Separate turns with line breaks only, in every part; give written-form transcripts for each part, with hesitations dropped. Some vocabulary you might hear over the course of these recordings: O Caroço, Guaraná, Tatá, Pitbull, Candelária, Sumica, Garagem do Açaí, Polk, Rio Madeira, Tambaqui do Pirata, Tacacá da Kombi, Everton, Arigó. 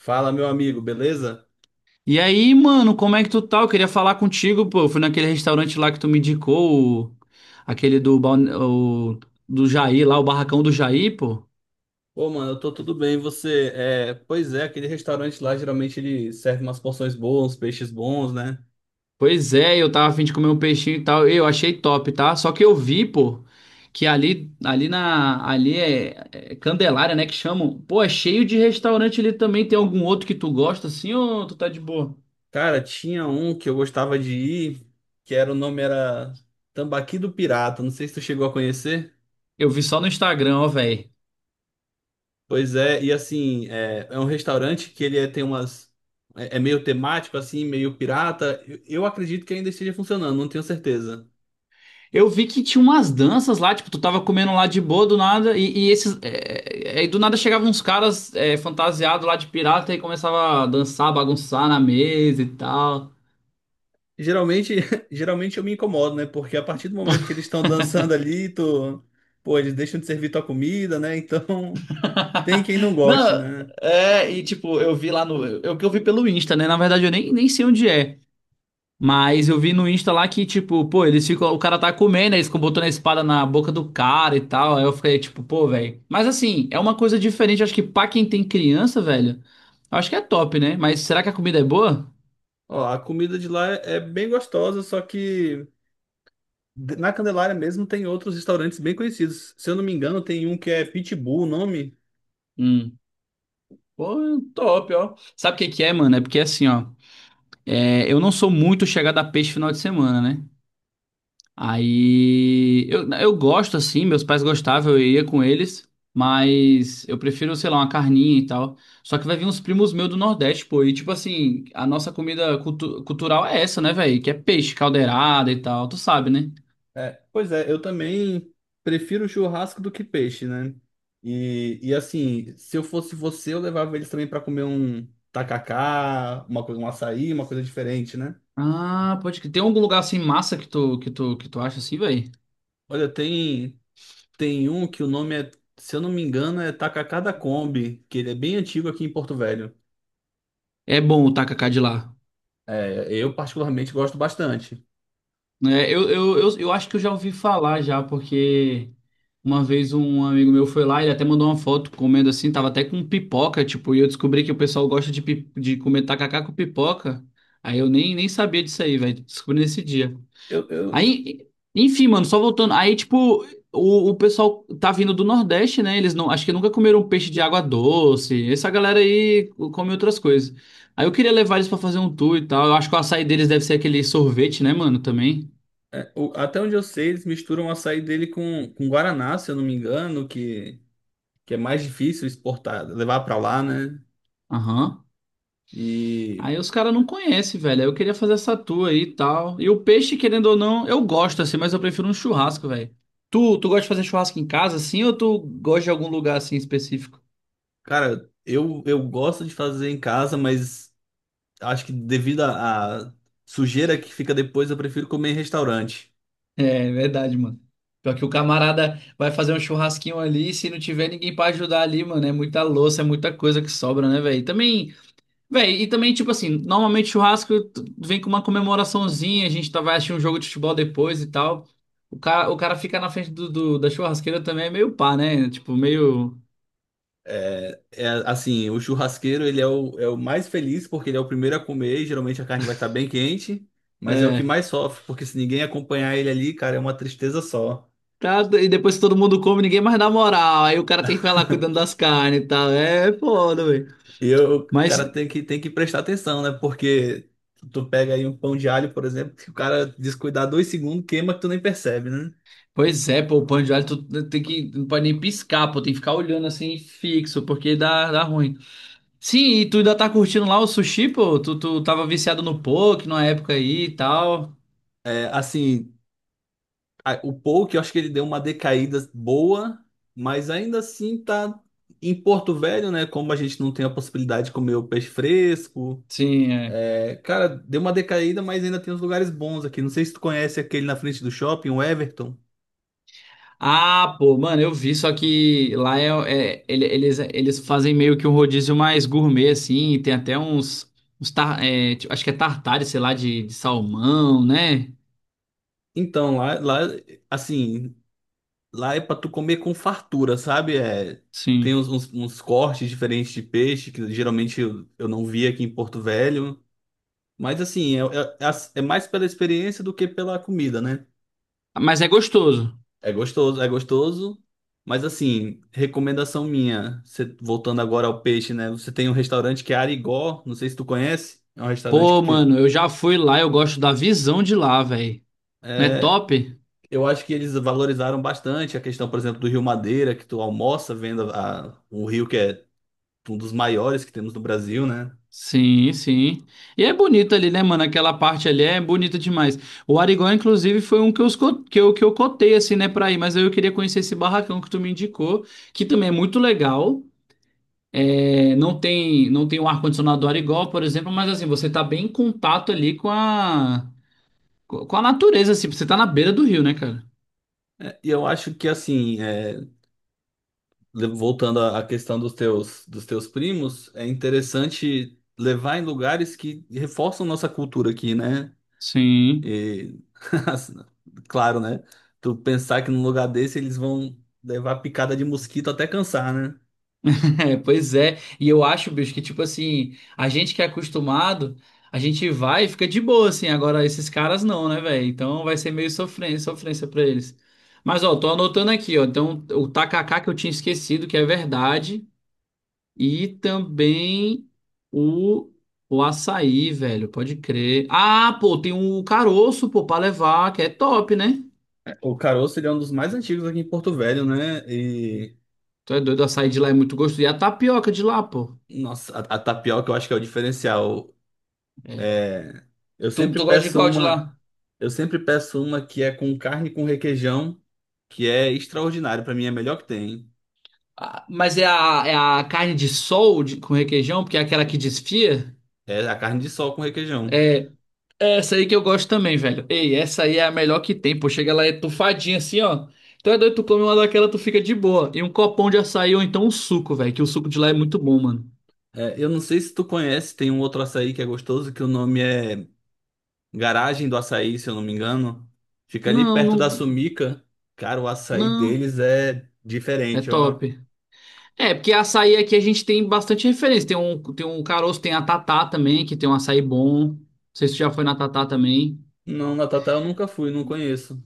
Fala, meu amigo, beleza?
E aí, mano, como é que tu tá? Eu queria falar contigo, pô. Eu fui naquele restaurante lá que tu me indicou, aquele do Jair lá, o barracão do Jair, pô.
Ô, mano, eu tô tudo bem, e você? Pois é, aquele restaurante lá, geralmente ele serve umas porções boas, uns peixes bons, né?
Pois é, eu tava a fim de comer um peixinho e tal. Eu achei top, tá? Só que eu vi, pô, que ali é Candelária, né, que chamam. Pô, é cheio de restaurante ali também. Tem algum outro que tu gosta assim ou tu tá de boa?
Cara, tinha um que eu gostava de ir, que era, o nome era Tambaqui do Pirata, não sei se tu chegou a conhecer.
Eu vi só no Instagram, ó, velho.
Pois é, e assim, é um restaurante que tem umas... É, é meio temático, assim, meio pirata. Eu acredito que ainda esteja funcionando, não tenho certeza.
Eu vi que tinha umas danças lá, tipo, tu tava comendo lá de boa do nada, e do nada chegavam uns caras fantasiados lá de pirata e começava a dançar, bagunçar na mesa e tal.
Geralmente, geralmente eu me incomodo, né? Porque a partir do momento que eles estão dançando ali, tu... pô, eles deixam de servir tua comida, né? Então, tem quem não
Não,
goste, né?
é, e tipo, eu vi lá no. É o que eu vi pelo Insta, né? Na verdade, eu nem sei onde é. Mas eu vi no Insta lá que, tipo, pô, eles ficam. O cara tá comendo, aí eles ficam botando a espada na boca do cara e tal. Aí eu fiquei, tipo, pô, velho. Mas assim, é uma coisa diferente. Acho que pra quem tem criança, velho, acho que é top, né? Mas será que a comida é boa?
Ó, a comida de lá é bem gostosa, só que na Candelária mesmo tem outros restaurantes bem conhecidos. Se eu não me engano, tem um que é Pitbull, o nome.
Hum. Pô, top, ó. Sabe o que que é, mano? É porque assim, ó. É, eu não sou muito chegado a peixe final de semana, né? Aí eu gosto assim, meus pais gostavam, eu ia com eles, mas eu prefiro, sei lá, uma carninha e tal. Só que vai vir uns primos meus do Nordeste, pô, e tipo assim, a nossa comida cultural é essa, né, velho? Que é peixe, caldeirada e tal, tu sabe, né?
É, pois é, eu também prefiro churrasco do que peixe, né? E assim, se eu fosse você, eu levava eles também para comer um tacacá, uma coisa, um açaí, uma coisa diferente, né?
Ah, pode que tem algum lugar assim massa que tu que tu acha assim, velho?
Olha, tem, tem um que o nome é, se eu não me engano, é Tacacá da Kombi, que ele é bem antigo aqui em Porto Velho.
É bom o tacacá de lá.
É, eu particularmente gosto bastante.
Né? Eu acho que eu já ouvi falar já, porque uma vez um amigo meu foi lá, ele até mandou uma foto comendo assim, tava até com pipoca, tipo, e eu descobri que o pessoal gosta de comer tacacá com pipoca. Aí eu nem sabia disso aí, velho. Descobri nesse dia.
Eu, eu,
Aí, enfim, mano, só voltando. Aí, tipo, o pessoal tá vindo do Nordeste, né? Eles não, acho que nunca comeram peixe de água doce. Essa galera aí come outras coisas. Aí eu queria levar eles pra fazer um tour e tal. Eu acho que o açaí deles deve ser aquele sorvete, né, mano, também.
o- até onde eu sei, eles misturam o açaí dele com Guaraná, se eu não me engano, que é mais difícil exportar, levar pra lá, né?
Aham.
E,
Aí os caras não conhecem, velho. Aí eu queria fazer essa tua aí e tal. E o peixe, querendo ou não, eu gosto assim, mas eu prefiro um churrasco, velho. Tu gosta de fazer churrasco em casa assim ou tu gosta de algum lugar assim específico?
cara, eu gosto de fazer em casa, mas acho que devido à sujeira que fica depois, eu prefiro comer em restaurante.
É, verdade, mano. Pior que o camarada vai fazer um churrasquinho ali, se não tiver ninguém pra ajudar ali, mano, é muita louça, é muita coisa que sobra, né, velho? Também véi, e também, tipo assim, normalmente churrasco tu- vem com uma comemoraçãozinha, a gente tá, vai assistir um jogo de futebol depois e tal. O cara ficar na frente da churrasqueira também é meio pá, né? Tipo, meio.
É, é, assim, o churrasqueiro ele é o mais feliz porque ele é o primeiro a comer, e geralmente a carne vai estar bem quente, mas é o que
É.
mais sofre, porque se ninguém acompanhar ele ali, cara, é uma tristeza só.
Tá, e depois que todo mundo come, ninguém mais dá moral. Aí o cara tem que ficar lá cuidando das carnes e tal. É foda, velho.
O cara
Mas,
tem que prestar atenção, né? Porque tu pega aí um pão de alho, por exemplo, que o cara descuidar dois segundos, queima que tu nem percebe, né?
pois é, pô, o pão de alho tu tem que. Não pode nem piscar, pô, tem que ficar olhando assim fixo, porque dá, dá ruim. Sim, e tu ainda tá curtindo lá o sushi, pô? Tu tava viciado no poke na época aí e tal.
É, assim, o Polk, eu acho que ele deu uma decaída boa, mas ainda assim tá em Porto Velho, né? Como a gente não tem a possibilidade de comer o peixe fresco.
Sim, é.
É, cara, deu uma decaída, mas ainda tem uns lugares bons aqui. Não sei se tu conhece aquele na frente do shopping, o Everton.
Ah, pô, mano, eu vi, só que lá eles fazem meio que um rodízio mais gourmet, assim, tem até tipo, acho que é tartare, sei lá, de salmão, né?
Então, lá, assim, lá é pra tu comer com fartura, sabe? É, tem
Sim.
uns, uns cortes diferentes de peixe que geralmente eu não vi aqui em Porto Velho. Mas, assim, é mais pela experiência do que pela comida, né?
Mas é gostoso.
É gostoso, é gostoso. Mas, assim, recomendação minha, voltando agora ao peixe, né? Você tem um restaurante que é Arigó, não sei se tu conhece. É um restaurante que
Pô,
tem.
mano, eu já fui lá, eu gosto da visão de lá, velho. Não é
É,
top?
eu acho que eles valorizaram bastante a questão, por exemplo, do Rio Madeira, que tu almoça vendo a, o rio que é um dos maiores que temos no Brasil, né?
Sim, sim. E é bonito ali, né, mano? Aquela parte ali é bonita demais. O Arigó, inclusive, foi um que eu, esco- que eu cotei, assim, né, pra ir. Mas eu queria conhecer esse barracão que tu me indicou, que também é muito legal. É, não tem o ar-condicionado do Arigó, por exemplo, mas, assim, você tá bem em contato ali com a natureza, assim. Você tá na beira do rio, né, cara?
É, e eu acho que assim, voltando à questão dos teus primos, é interessante levar em lugares que reforçam nossa cultura aqui, né?
Sim.
E, assim, claro, né? Tu pensar que num lugar desse eles vão levar picada de mosquito até cansar, né?
É, pois é, e eu acho, bicho, que tipo assim, a gente que é acostumado, a gente vai e fica de boa, assim, agora esses caras não, né, velho? Então vai ser meio sofrência, sofrência pra eles. Mas, ó, tô anotando aqui, ó, então o tacacá que eu tinha esquecido, que é verdade, e também o, o açaí, velho, pode crer. Ah, pô, tem um caroço, pô, pra levar, que é top, né?
O caroço, ele é um dos mais antigos aqui em Porto Velho, né?
Tu é doido, o açaí de lá é muito gostoso, e a tapioca de lá, pô.
Nossa, a tapioca eu acho que é o diferencial.
É.
É, eu
Tu,
sempre
tu gosta de
peço
qual de lá?
uma, eu sempre peço uma que é com carne com requeijão, que é extraordinário, pra mim é a melhor que tem.
Ah, mas é a carne de sol com requeijão, porque é aquela que desfia.
É a carne de sol com requeijão.
É, é essa aí que eu gosto também, velho. Ei, essa aí é a melhor que tem, pô. Chega lá, é tufadinha assim, ó. Então é doido, tu come uma daquela, tu fica de boa. E um copão de açaí ou então um suco, velho, que o suco de lá é muito bom, mano.
É, eu não sei se tu conhece, tem um outro açaí que é gostoso, que o nome é Garagem do Açaí, se eu não me engano. Fica ali
Não,
perto da
não,
Sumica. Cara, o açaí
não.
deles é
É
diferente, ó.
top. É, porque açaí aqui a gente tem bastante referência. Tem um caroço, tem a Tatá também, que tem um açaí bom. Não sei se tu já foi na Tatá também.
Não, na Tatá eu nunca fui, não conheço.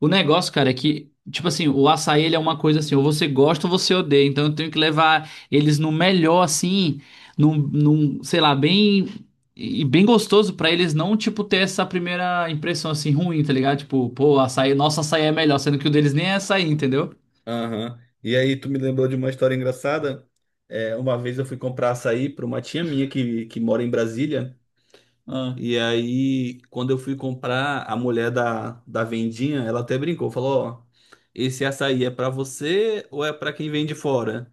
O negócio, cara, é que, tipo assim, o açaí ele é uma coisa assim, ou você gosta ou você odeia. Então eu tenho que levar eles no melhor, assim, sei lá, bem. E bem gostoso pra eles não, tipo, ter essa primeira impressão assim ruim, tá ligado? Tipo, pô, açaí, nosso açaí é melhor, sendo que o deles nem é açaí, entendeu?
Aham. E aí, tu me lembrou de uma história engraçada? É, uma vez eu fui comprar açaí para uma tia minha que mora em Brasília.
Ah.
E aí, quando eu fui comprar, a mulher da vendinha, ela até brincou, falou, ó, esse açaí é para você ou é para quem vem de fora?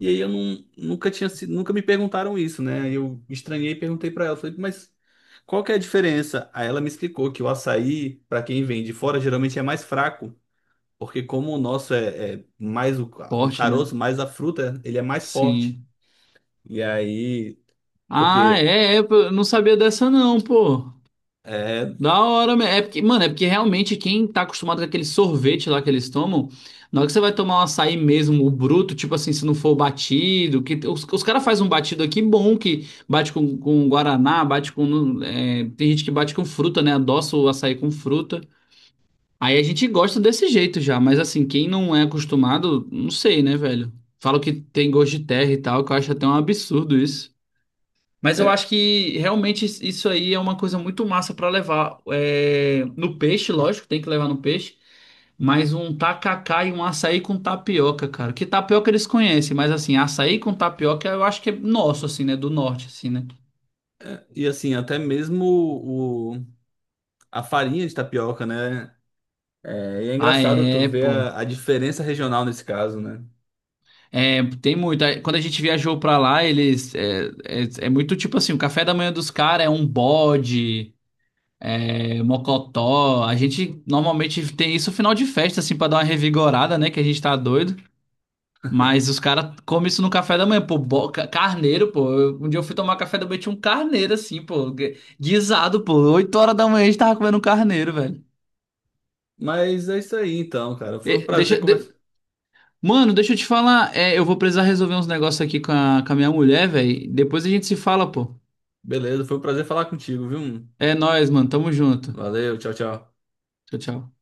E aí eu não, nunca tinha sido, nunca me perguntaram isso, né? Aí eu estranhei e perguntei para ela, falei, mas qual que é a diferença? Aí ela me explicou que o açaí, para quem vem de fora, geralmente é mais fraco. Porque como o nosso é, é mais o
Forte, né?
caroço, mais a fruta, ele é mais forte.
Sim.
E aí,
Ah,
porque
pô, eu não sabia dessa não, pô.
é,
Da hora, é porque, mano, é porque realmente quem tá acostumado com aquele sorvete lá que eles tomam, na hora que você vai tomar um açaí mesmo, o bruto, tipo assim, se não for o batido, que os caras fazem um batido aqui bom, que bate com guaraná, tem gente que bate com fruta, né, adoça o açaí com fruta. Aí a gente gosta desse jeito já, mas assim, quem não é acostumado, não sei, né, velho? Falam que tem gosto de terra e tal, que eu acho até um absurdo, mas eu
é-
acho que realmente isso aí é uma coisa muito massa para levar é, no peixe, lógico, tem que levar no peixe, mas um tacacá e um açaí com tapioca, cara. Que tapioca eles conhecem, mas assim, açaí com tapioca eu acho que é nosso, assim, né? Do norte, assim, né?
é- e assim, até mesmo a farinha de tapioca, né? É, e é
Ah,
engraçado tu
é,
ver
pô.
a diferença regional nesse caso, né?
É, tem muito. Aí, quando a gente viajou pra lá, é muito tipo assim: o café da manhã dos caras é um bode, é mocotó. A gente normalmente tem isso no final de festa, assim, pra dar uma revigorada, né? Que a gente tá doido. Mas os caras comem isso no café da manhã, pô, carneiro, pô. Um dia eu fui tomar café da manhã, e tinha um carneiro assim, pô, guisado, pô. 8 horas da manhã a gente tava comendo um carneiro, velho.
Mas é isso aí então, cara. Foi um
E-
prazer
deixa, de-
conversar.
Mano, deixa eu te falar, é, eu vou precisar resolver uns negócios aqui com a minha mulher, velho. Depois a gente se fala, pô.
Beleza, foi um prazer falar contigo, viu?
É nóis, mano, tamo junto.
Valeu, tchau, tchau.
Tchau, tchau.